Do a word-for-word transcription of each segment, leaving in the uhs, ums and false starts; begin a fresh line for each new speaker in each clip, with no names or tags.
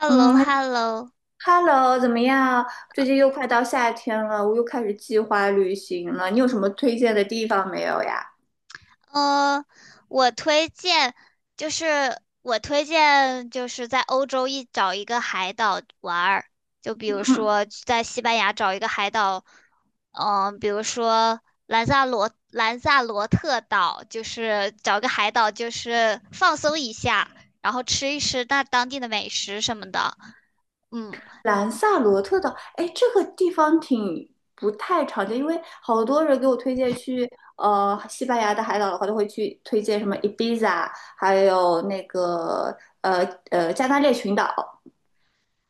h e l l o
嗯
h e l l o
，Hello，怎么样？最近又快到夏天了，我又开始计划旅行了。你有什么推荐的地方没有呀？
呃，我推荐就是我推荐就是在欧洲一找一个海岛玩儿，就比如
嗯，
说在西班牙找一个海岛。嗯、比如说兰萨罗兰萨罗特岛，就是找个海岛就是放松一下，然后吃一吃那当地的美食什么的，嗯。
兰萨罗特岛，哎，这个地方挺不太常见，因为好多人给我推荐去呃西班牙的海岛的话，都会去推荐什么 Ibiza，还有那个呃呃加那利群岛。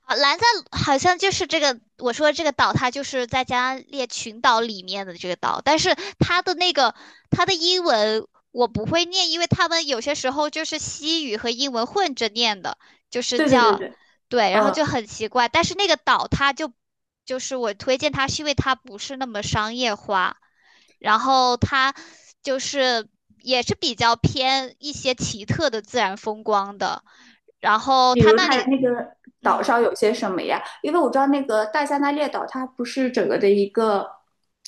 啊，兰赞好像就是这个，我说这个岛，它就是在加列群岛里面的这个岛，但是它的那个它的英文我不会念，因为他们有些时候就是西语和英文混着念的，就是
对对对
叫。
对，
对，然后
嗯。
就很奇怪。但是那个岛它就就是我推荐它，是因为它不是那么商业化，然后它就是也是比较偏一些奇特的自然风光的，然后
比
它
如
那
它
里。
那个岛
嗯，
上有些什么呀？因为我知道那个大加那列岛，它不是整个的一个，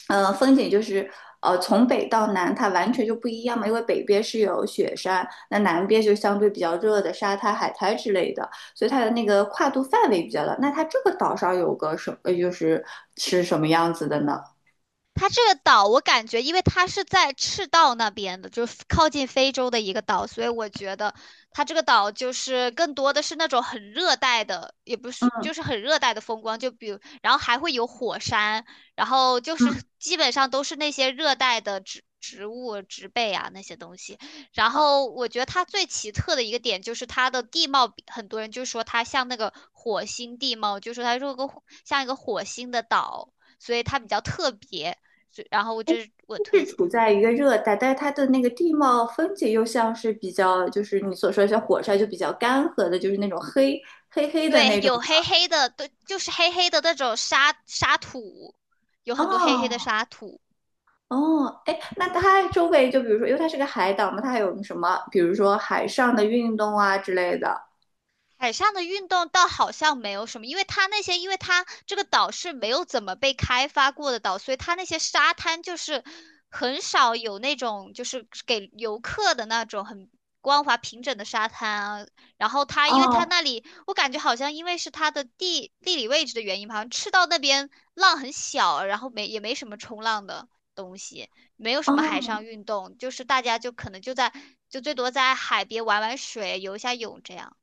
呃，风景就是呃从北到南它完全就不一样嘛。因为北边是有雪山，那南边就相对比较热的沙滩、海滩之类的，所以它的那个跨度范围比较大。那它这个岛上有个什么，呃就是是什么样子的呢？
它这个岛，我感觉，因为它是在赤道那边的，就是靠近非洲的一个岛，所以我觉得它这个岛就是更多的是那种很热带的，也不是，就是很热带的风光，就比如，然后还会有火山，然后就是
嗯
基本上都是那些热带的植植物、植被啊那些东西。然后我觉得它最奇特的一个点就是它的地貌比，很多人就说它像那个火星地貌，就说它是个像一个火星的岛。所以它比较特别，就然后这是我推
是
荐。
处在一个热带，但是它的那个地貌风景又像是比较，就是你所说的像火山，就比较干涸的，就是那种黑黑黑的
对，
那种。
有黑黑的，对，就是黑黑的那种沙沙土，有很多黑黑的
哦
沙土。
哦，哎，那它周围就比如说，因为它是个海岛嘛，它还有什么，比如说海上的运动啊之类的。
海上的运动倒好像没有什么，因为它那些，因为它这个岛是没有怎么被开发过的岛，所以它那些沙滩就是很少有那种就是给游客的那种很光滑平整的沙滩啊。然后它，因为它
哦
那里，我感觉好像因为是它的地地理位置的原因吧，好像赤道那边浪很小，然后没也没什么冲浪的东西，没有什么海
哦
上运动，就是大家就可能就在就最多在海边玩玩水、游一下泳这样。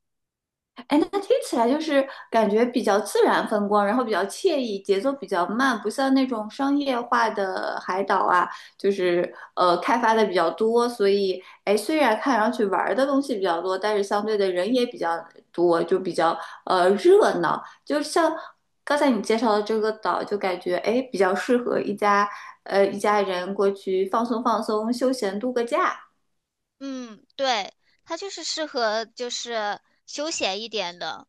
哎，那听起来就是感觉比较自然风光，然后比较惬意，节奏比较慢，不像那种商业化的海岛啊，就是呃开发的比较多，所以哎，虽然看上去玩儿的东西比较多，但是相对的人也比较多，就比较呃热闹。就像刚才你介绍的这个岛，就感觉哎比较适合一家呃一家人过去放松放松、休闲度个假。
嗯，对，它就是适合就是休闲一点的，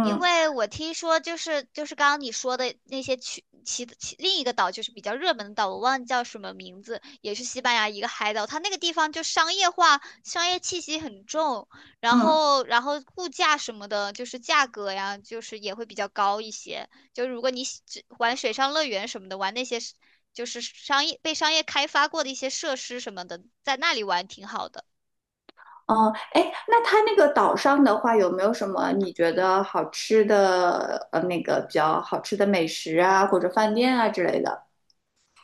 因为我听说就是就是刚刚你说的那些去其其另一个岛就是比较热门的岛，我忘记叫什么名字，也是西班牙一个海岛，它那个地方就商业化，商业气息很重，然
嗯。
后然后物价什么的，就是价格呀，就是也会比较高一些。就如果你喜只玩水上乐园什么的，玩那些是就是商业被商业开发过的一些设施什么的，在那里玩挺好的。
哦，哎，那它那个岛上的话，有没有什么你觉得好吃的，呃，那个比较好吃的美食啊，或者饭店啊之类的？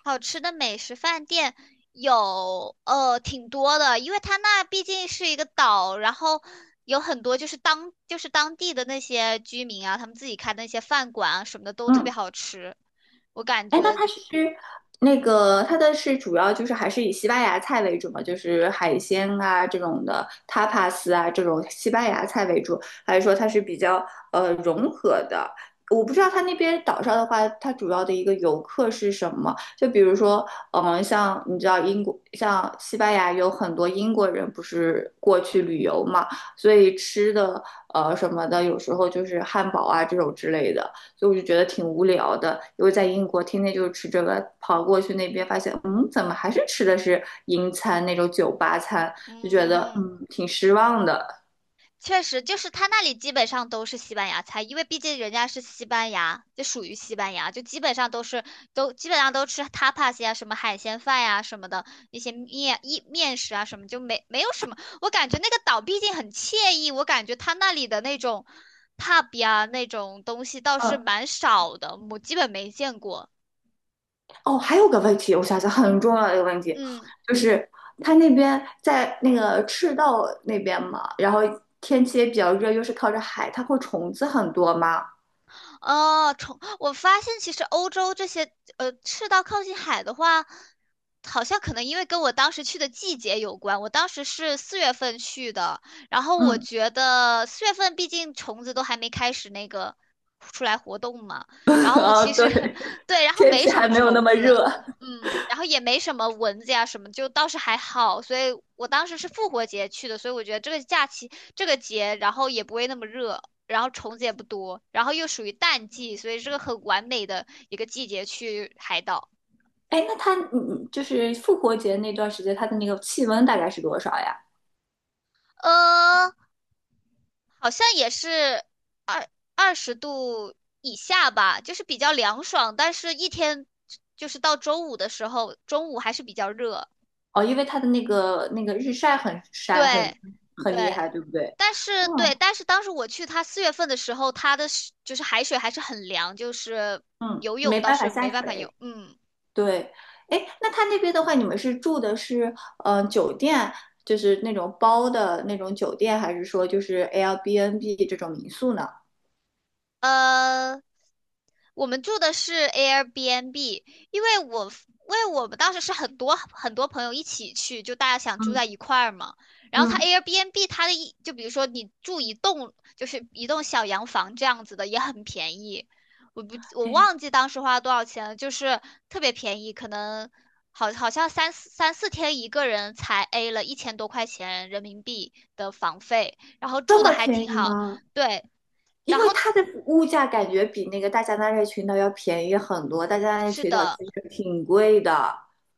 好吃的美食饭店有呃挺多的，因为它那毕竟是一个岛，然后有很多就是当就是当地的那些居民啊，他们自己开的那些饭馆啊什么的都特别
嗯。
好吃，我感
哎，那
觉
它是那个它的是主要就是还是以西班牙菜为主嘛，就是海鲜啊这种的 tapas 啊这种西班牙菜为主，还是说它是比较呃融合的？我不知道它那边岛上的话，它主要的一个游客是什么？就比如说，嗯，像你知道英国，像西班牙有很多英国人不是过去旅游嘛，所以吃的呃什么的，有时候就是汉堡啊这种之类的。所以我就觉得挺无聊的。因为在英国天天就是吃这个，跑过去那边发现，嗯，怎么还是吃的是英餐那种酒吧餐，就觉得
嗯。
嗯挺失望的。
确实，就是他那里基本上都是西班牙菜，因为毕竟人家是西班牙，就属于西班牙，就基本上都是都基本上都吃 tapas 呀，什么海鲜饭呀什么的，一些面一面食啊什么，就没没有什么。我感觉那个岛毕竟很惬意，我感觉他那里的那种 pub 呀那种东西倒是
嗯，
蛮少的，我基本没见过。
哦，还有个问题，我想想很重要的一个问题，
嗯。
就是他那边在那个赤道那边嘛，然后天气也比较热，又是靠着海，它会虫子很多吗？
哦，虫，我发现其实欧洲这些呃赤道靠近海的话，好像可能因为跟我当时去的季节有关。我当时是四月份去的，然后我
嗯，
觉得四月份毕竟虫子都还没开始那个出来活动嘛，然 后我
啊，
其实
对，
对，然后
天
没
气
什
还
么
没有那
虫
么
子，
热。
嗯，然后也没什么蚊子呀什么，就倒是还好。所以我当时是复活节去的，所以我觉得这个假期这个节，然后也不会那么热。然后虫子也不多，然后又属于淡季，所以是个很完美的一个季节去海岛。
哎，那它嗯，嗯就是复活节那段时间，它的那个气温大概是多少呀？
呃，好像也是二十度以下吧，就是比较凉爽，但是一天就是到周五的时候，中午还是比较热。
哦，因为它的那个那个日晒很晒很
对，对，
很厉害，对不对？
但是对，
嗯
但是当时我去它四月份的时候，它的是就是海水还是很凉，就是
嗯，
游泳
没
倒
办法
是
下
没办法游，
水。
嗯。
对，哎，那它那边的话，你们是住的是呃酒店，就是那种包的那种酒店，还是说就是 Airbnb 这种民宿呢？
呃，我们住的是 Airbnb,因为我 f- 因为我们当时是很多很多朋友一起去，就大家想住
嗯
在一块儿嘛。然后它
嗯，
Airbnb 它的一就比如说你住一栋就是一栋小洋房这样子的也很便宜，我不我
哎，
忘记当时花了多少钱了，就是特别便宜，可能好好像三四三四天一个人才 A 了一千多块钱人民币的房费，然后住
这
的
么
还挺
便宜
好，
吗？
对，
因
然
为
后
它的物价感觉比那个大加那利群岛要便宜很多，大加那利
是
群岛
的。
其实挺贵的。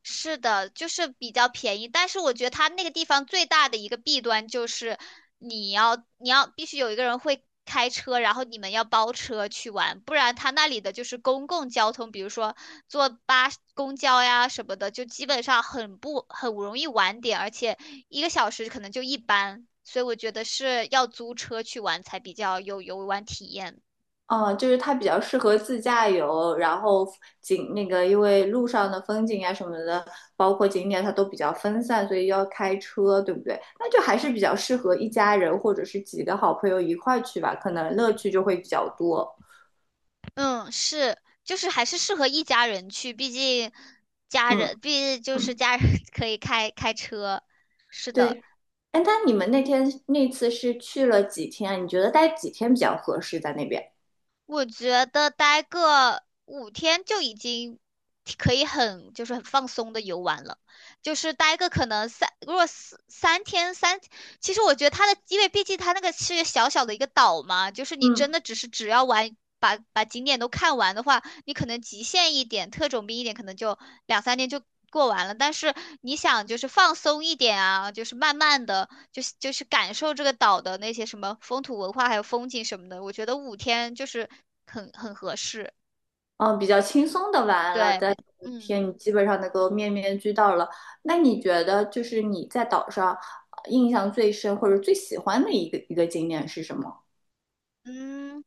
是的，就是比较便宜，但是我觉得它那个地方最大的一个弊端就是你要你要必须有一个人会开车，然后你们要包车去玩，不然它那里的就是公共交通，比如说坐八公交呀什么的，就基本上很不很容易晚点，而且一个小时可能就一班，所以我觉得是要租车去玩才比较有游玩体验的。
嗯，就是它比较适合自驾游，然后景那个因为路上的风景啊什么的，包括景点它都比较分散，所以要开车，对不对？那就还是比较适合一家人或者是几个好朋友一块去吧，可能乐趣就会比较多。
嗯，是，就是还是适合一家人去，毕竟家
嗯，
人，毕竟就是
嗯
家人 可以开开车。是的，
对。哎，那你们那天那次是去了几天啊？你觉得待几天比较合适在那边？
我觉得待个五天就已经可以很就是很放松的游玩了，就是待个可能三，如果四三天三，其实我觉得它的，因为毕竟它那个是小小的一个岛嘛，就是你真
嗯。
的只是只要玩把把景点都看完的话，你可能极限一点，特种兵一点，可能就两三天就过完了。但是你想，就是放松一点啊，就是慢慢的，就是就是感受这个岛的那些什么风土文化，还有风景什么的。我觉得五天就是很很合适。
嗯，比较轻松的玩了，
对，
在
比
五
嗯。
天你基本上能够面面俱到了。那你觉得就是你在岛上呃印象最深或者最喜欢的一个一个景点是什么？
嗯，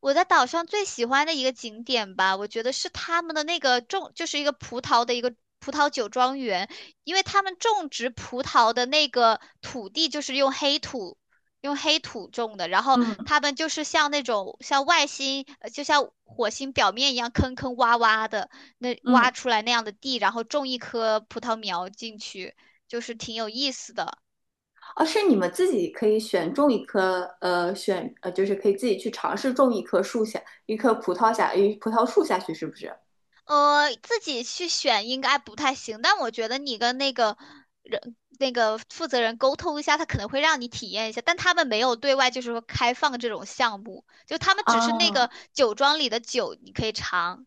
我在岛上最喜欢的一个景点吧，我觉得是他们的那个种，就是一个葡萄的一个葡萄酒庄园，因为他们种植葡萄的那个土地就是用黑土，用黑土种的，然后
嗯
他们就是像那种像外星，呃就像火星表面一样坑坑洼洼的那挖
嗯，
出来那样的地，然后种一棵葡萄苗进去，就是挺有意思的。
啊，是你们自己可以选种一棵，呃，选呃，就是可以自己去尝试种一棵树下，一棵葡萄下，一葡萄树下去，是不是？
呃，自己去选应该不太行，但我觉得你跟那个人、那个负责人沟通一下，他可能会让你体验一下，但他们没有对外就是说开放这种项目，就他们只是那个
啊，
酒庄里的酒你可以尝。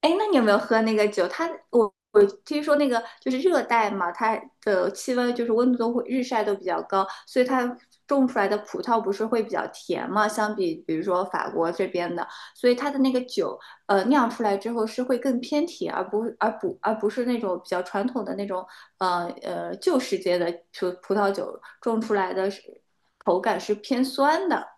哎，诶那你有没有喝那个酒？它我我听说那个就是热带嘛，它的气温就是温度都会日晒都比较高，所以它种出来的葡萄不是会比较甜嘛？相比比如说法国这边的，所以它的那个酒，呃，酿出来之后是会更偏甜，而不而不而不是那种比较传统的那种，呃呃旧世界的葡葡萄酒种出来的是口感是偏酸的。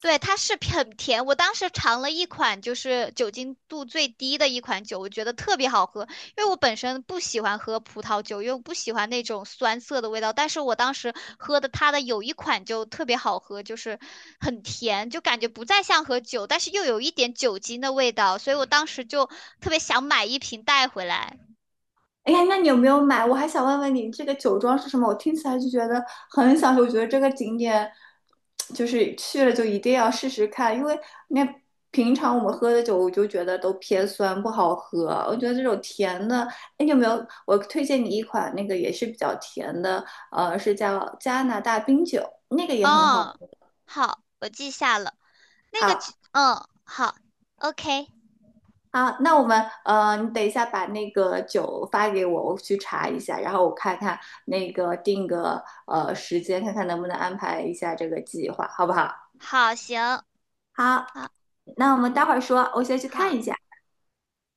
对，它是很甜。我当时尝了一款，就是酒精度最低的一款酒，我觉得特别好喝。因为我本身不喜欢喝葡萄酒，因为我不喜欢那种酸涩的味道。但是我当时喝的它的有一款就特别好喝，就是很甜，就感觉不再像喝酒，但是又有一点酒精的味道。所以我当时就特别想买一瓶带回来。
哎呀，那你有没有买？我还想问问你，这个酒庄是什么？我听起来就觉得很享受，我觉得这个景点就是去了就一定要试试看，因为那平常我们喝的酒，我就觉得都偏酸不好喝。我觉得这种甜的，哎，你有没有？我推荐你一款那个也是比较甜的，呃，是叫加拿大冰酒，那个也很好
嗯，
喝。
好，我记下了。那个酒，
好。
嗯，好，OK,
好，那我们呃，你等一下把那个酒发给我，我去查一下，然后我看看那个定个呃时间，看看能不能安排一下这个计划，好不好？
好，行，
好，
好，
那我们待会儿说，我先去
好。
看一下。